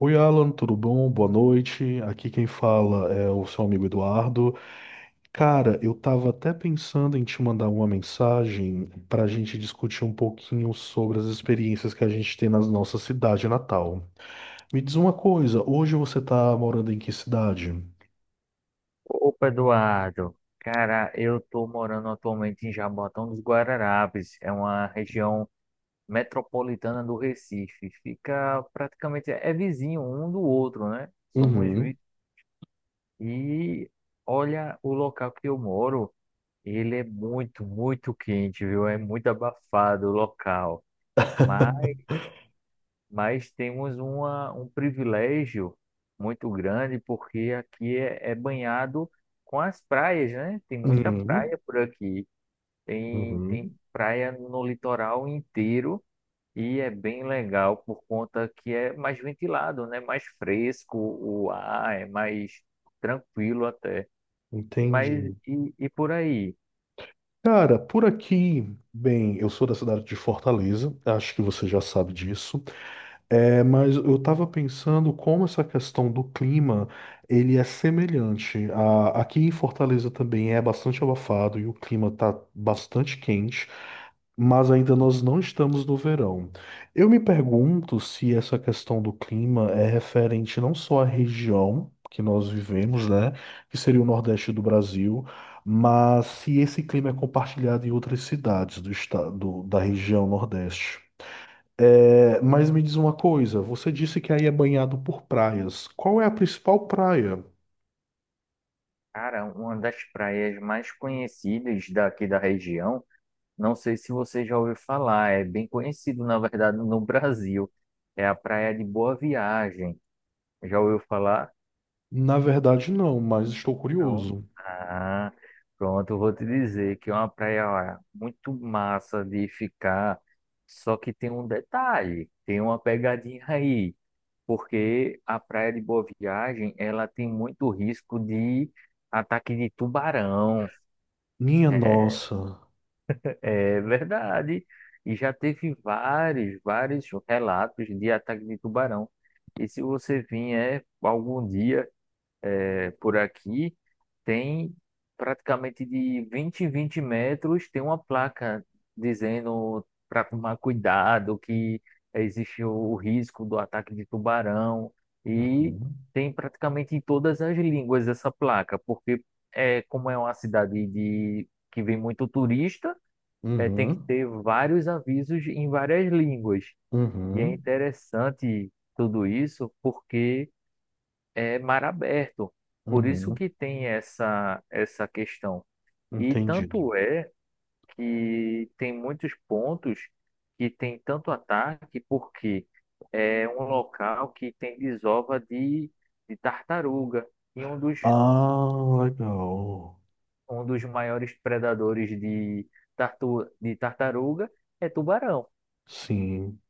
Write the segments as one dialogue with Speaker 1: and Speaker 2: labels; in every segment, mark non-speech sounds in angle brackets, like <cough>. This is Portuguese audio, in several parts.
Speaker 1: Oi, Alan, tudo bom? Boa noite. Aqui quem fala é o seu amigo Eduardo. Cara, eu tava até pensando em te mandar uma mensagem para a gente discutir um pouquinho sobre as experiências que a gente tem na nossa cidade natal. Me diz uma coisa, hoje você tá morando em que cidade?
Speaker 2: Opa, Eduardo. Cara, eu tô morando atualmente em Jaboatão dos Guararapes. É uma região metropolitana do Recife. Fica praticamente é vizinho um do outro, né? Somos
Speaker 1: Uhum.
Speaker 2: vi- e olha o local que eu moro. Ele é muito, muito quente, viu? É muito abafado o local.
Speaker 1: <laughs>
Speaker 2: Mas temos um privilégio muito grande porque aqui é banhado com as praias, né? Tem muita
Speaker 1: Uhum.
Speaker 2: praia por aqui. Tem,
Speaker 1: Uhum.
Speaker 2: tem praia no litoral inteiro e é bem legal por conta que é mais ventilado, né? Mais fresco o ar, é mais tranquilo até. E Mas
Speaker 1: Entendi.
Speaker 2: e, e por aí?
Speaker 1: Cara, por aqui, bem, eu sou da cidade de Fortaleza, acho que você já sabe disso. É, mas eu estava pensando como essa questão do clima, ele é semelhante. Aqui em Fortaleza também é bastante abafado e o clima está bastante quente, mas ainda nós não estamos no verão. Eu me pergunto se essa questão do clima é referente não só à região que nós vivemos, né, que seria o Nordeste do Brasil, mas se esse clima é compartilhado em outras cidades do estado, da região Nordeste. É, mas me diz uma coisa, você disse que aí é banhado por praias. Qual é a principal praia?
Speaker 2: Cara, uma das praias mais conhecidas daqui da região. Não sei se você já ouviu falar, é bem conhecido, na verdade, no Brasil. É a Praia de Boa Viagem. Já ouviu falar?
Speaker 1: Na verdade, não, mas estou
Speaker 2: Não.
Speaker 1: curioso.
Speaker 2: Ah, pronto, eu vou te dizer que é uma praia, ó, muito massa de ficar. Só que tem um detalhe, tem uma pegadinha aí, porque a Praia de Boa Viagem, ela tem muito risco de ataque de tubarão.
Speaker 1: Minha
Speaker 2: <laughs>
Speaker 1: nossa.
Speaker 2: É verdade. E já teve vários, vários relatos de ataque de tubarão. E se você vier algum dia é, por aqui, tem praticamente de 20 em 20 metros, tem uma placa dizendo para tomar cuidado, que existe o risco do ataque de tubarão. E
Speaker 1: Uhum,
Speaker 2: tem praticamente em todas as línguas essa placa, porque é, como é uma cidade que vem muito turista é, tem que
Speaker 1: uhum,
Speaker 2: ter vários avisos em várias línguas. E é
Speaker 1: uhum,
Speaker 2: interessante tudo isso porque é mar aberto. Por isso
Speaker 1: uhum.
Speaker 2: que tem essa questão. E
Speaker 1: Entendido.
Speaker 2: tanto é que tem muitos pontos que tem tanto ataque porque é um local que tem desova de tartaruga. E um dos,
Speaker 1: Ah, legal.
Speaker 2: um dos maiores predadores de tartaruga é tubarão.
Speaker 1: Sim,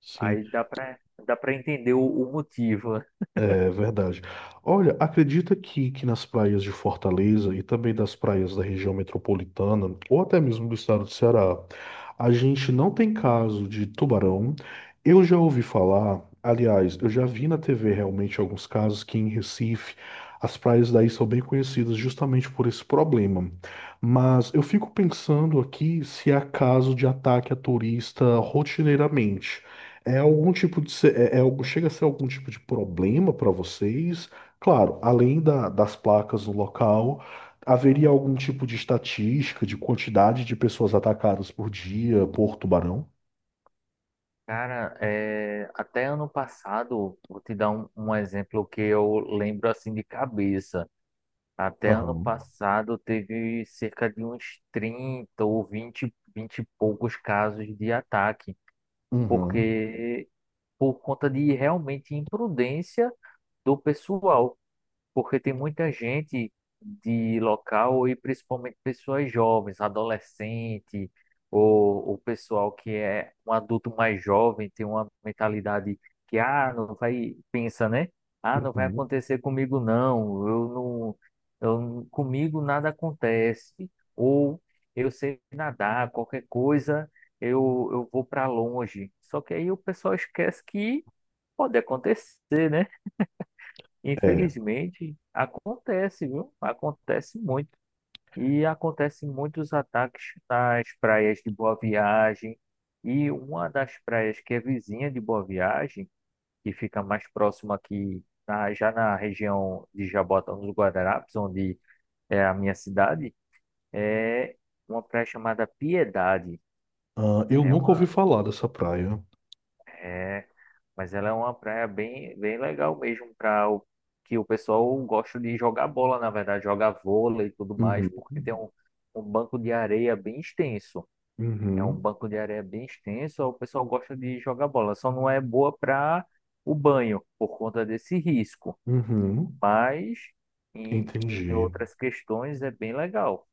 Speaker 1: sim.
Speaker 2: Aí dá pra entender o motivo.
Speaker 1: É verdade. Olha, acredita que nas praias de Fortaleza e também das praias da região metropolitana, ou até mesmo do estado do Ceará, a gente não tem caso de tubarão. Eu já ouvi falar, aliás, eu já vi na TV realmente alguns casos que em Recife as praias daí são bem conhecidas justamente por esse problema. Mas eu fico pensando aqui se há caso de ataque a turista rotineiramente. É algum tipo de é algo chega a ser algum tipo de problema para vocês? Claro, das placas no local, haveria algum tipo de estatística de quantidade de pessoas atacadas por dia por tubarão?
Speaker 2: Cara, é, até ano passado, vou te dar um exemplo que eu lembro assim de cabeça. Até ano
Speaker 1: Aham.
Speaker 2: passado teve cerca de uns 30 ou 20, 20 e poucos casos de ataque,
Speaker 1: Uhum.
Speaker 2: porque por conta de realmente imprudência do pessoal. Porque tem muita gente de local e principalmente pessoas jovens, adolescente ou o pessoal que é um adulto mais jovem, tem uma mentalidade que ah, não vai, pensa, né? Ah, não vai
Speaker 1: Uhum.
Speaker 2: acontecer comigo não. Eu não, eu não- comigo nada acontece. Ou eu sei nadar, qualquer coisa, eu vou para longe. Só que aí o pessoal esquece que pode acontecer, né?
Speaker 1: É.
Speaker 2: Infelizmente, acontece, viu? Acontece muito. E acontecem muitos ataques nas praias de Boa Viagem. E uma das praias que é vizinha de Boa Viagem, que fica mais próxima aqui, já na região de Jabotão dos Guararapes, onde é a minha cidade, é uma praia chamada Piedade.
Speaker 1: Ah, eu
Speaker 2: É
Speaker 1: nunca ouvi
Speaker 2: uma,
Speaker 1: falar dessa praia.
Speaker 2: é Mas ela é uma praia bem, bem legal mesmo para o que o pessoal gosta de jogar bola, na verdade, jogar vôlei e tudo mais,
Speaker 1: Uhum.
Speaker 2: porque tem um banco de areia bem extenso. É um
Speaker 1: Uhum.
Speaker 2: banco de areia bem extenso, o pessoal gosta de jogar bola. Só não é boa para o banho, por conta desse risco.
Speaker 1: Uhum.
Speaker 2: Mas em, em
Speaker 1: Entendi.
Speaker 2: outras questões é bem legal.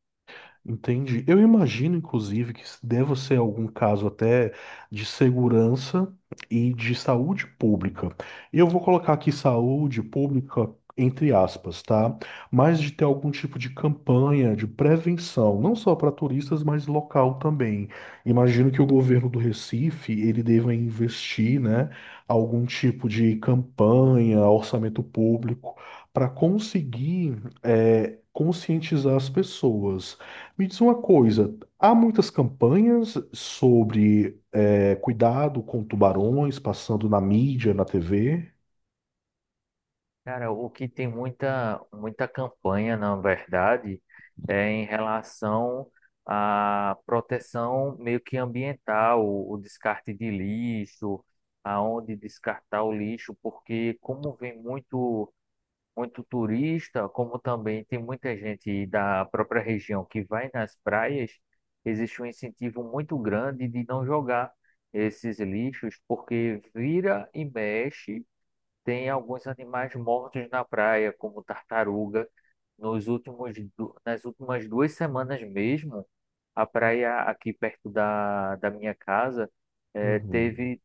Speaker 1: Entendi. Eu imagino, inclusive, que deva ser algum caso até de segurança e de saúde pública. E eu vou colocar aqui saúde pública entre aspas, tá? Mas de ter algum tipo de campanha de prevenção, não só para turistas, mas local também. Imagino que o governo do Recife, ele deva investir, né, algum tipo de campanha, orçamento público, para conseguir, conscientizar as pessoas. Me diz uma coisa, há muitas campanhas sobre cuidado com tubarões passando na mídia, na TV?
Speaker 2: Cara, o que tem muita, muita campanha, na verdade, é em relação à proteção meio que ambiental, o descarte de lixo, aonde descartar o lixo, porque como vem muito, muito turista, como também tem muita gente da própria região que vai nas praias, existe um incentivo muito grande de não jogar esses lixos, porque vira e mexe. Tem alguns animais mortos na praia, como tartaruga. Nas últimas 2 semanas mesmo, a praia aqui perto da minha casa
Speaker 1: Uhum,
Speaker 2: teve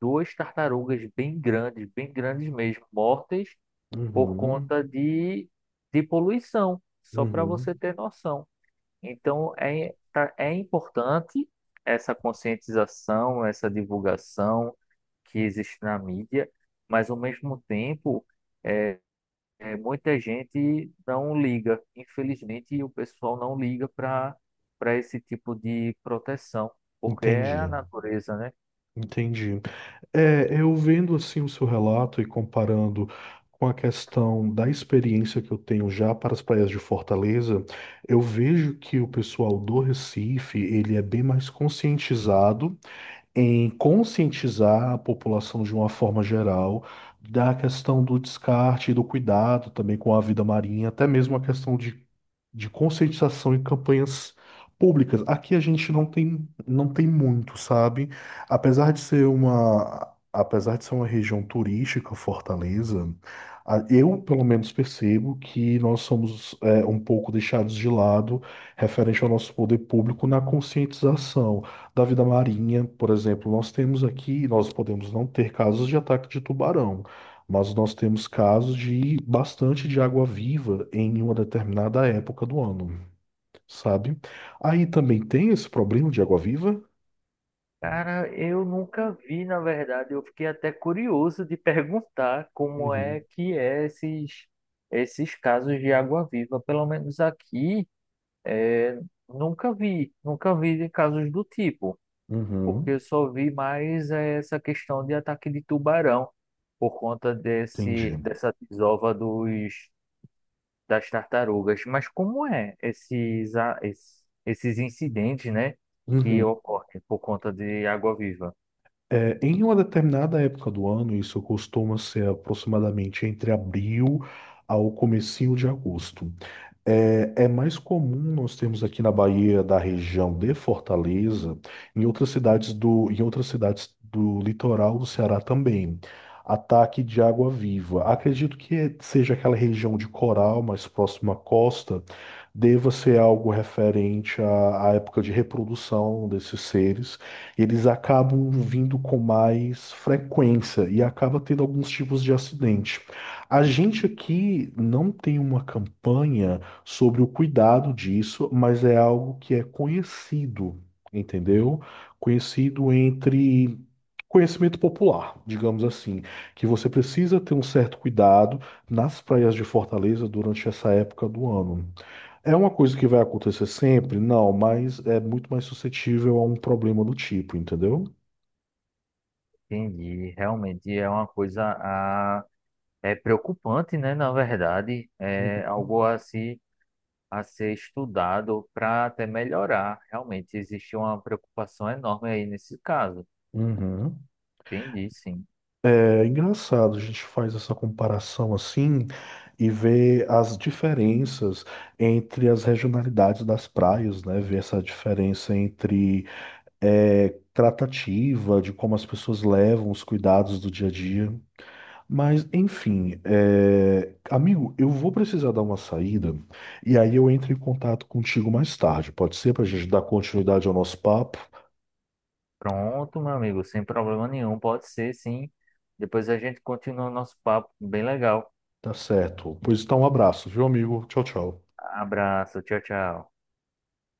Speaker 2: duas tartarugas bem grandes mesmo, mortas por
Speaker 1: uhum,
Speaker 2: conta de poluição, só para
Speaker 1: uhum.
Speaker 2: você ter noção. Então, é importante essa conscientização, essa divulgação que existe na mídia, mas, ao mesmo tempo, é, muita gente não liga. Infelizmente, o pessoal não liga para esse tipo de proteção, porque é a
Speaker 1: Entendi,
Speaker 2: natureza, né?
Speaker 1: entendi. É, eu vendo assim o seu relato e comparando com a questão da experiência que eu tenho já para as praias de Fortaleza, eu vejo que o pessoal do Recife, ele é bem mais conscientizado em conscientizar a população de uma forma geral da questão do descarte e do cuidado também com a vida marinha, até mesmo a questão de conscientização em campanhas públicas. Aqui a gente não tem muito, sabe? Apesar de ser uma região turística, Fortaleza, eu pelo menos percebo que nós somos é, um pouco deixados de lado referente ao nosso poder público na conscientização da vida marinha, por exemplo, nós temos aqui, nós podemos não ter casos de ataque de tubarão, mas nós temos casos de bastante de água-viva em uma determinada época do ano, sabe? Aí também tem esse problema de água-viva?
Speaker 2: Cara, eu nunca vi, na verdade, eu fiquei até curioso de perguntar como é
Speaker 1: Uhum,
Speaker 2: que é esses casos de água-viva. Pelo menos aqui. É, nunca vi de casos do tipo, porque
Speaker 1: uhum,
Speaker 2: eu só vi mais essa questão de ataque de tubarão por conta
Speaker 1: entendi.
Speaker 2: dessa desova das tartarugas. Mas como é esses incidentes, né, que
Speaker 1: Uhum.
Speaker 2: ocorrem por conta de água-viva?
Speaker 1: É, em uma determinada época do ano, isso costuma ser aproximadamente entre abril ao comecinho de agosto. É, é mais comum nós termos aqui na Bahia, da região de Fortaleza, em outras cidades do litoral do Ceará também, ataque de água viva. Acredito que seja aquela região de coral mais próxima à costa, deva ser algo referente à época de reprodução desses seres. Eles acabam vindo com mais frequência e acaba tendo alguns tipos de acidente. A gente aqui não tem uma campanha sobre o cuidado disso, mas é algo que é conhecido, entendeu? Conhecido entre conhecimento popular, digamos assim, que você precisa ter um certo cuidado nas praias de Fortaleza durante essa época do ano. É uma coisa que vai acontecer sempre? Não, mas é muito mais suscetível a um problema do tipo, entendeu?
Speaker 2: Entendi, realmente é uma coisa é preocupante, né, na verdade, é
Speaker 1: Uhum.
Speaker 2: algo assim a ser estudado para até melhorar. Realmente existe uma preocupação enorme aí nesse caso.
Speaker 1: Uhum.
Speaker 2: Entendi, sim.
Speaker 1: É engraçado, a gente faz essa comparação assim e vê as diferenças entre as regionalidades das praias, né? Ver essa diferença entre é, tratativa, de como as pessoas levam os cuidados do dia a dia. Mas, enfim, é, amigo, eu vou precisar dar uma saída e aí eu entro em contato contigo mais tarde, pode ser? Para a gente dar continuidade ao nosso papo?
Speaker 2: Pronto, meu amigo, sem problema nenhum, pode ser, sim. Depois a gente continua o nosso papo, bem legal.
Speaker 1: Tá certo. Pois então, um abraço, viu, amigo? Tchau, tchau.
Speaker 2: Abraço, tchau, tchau.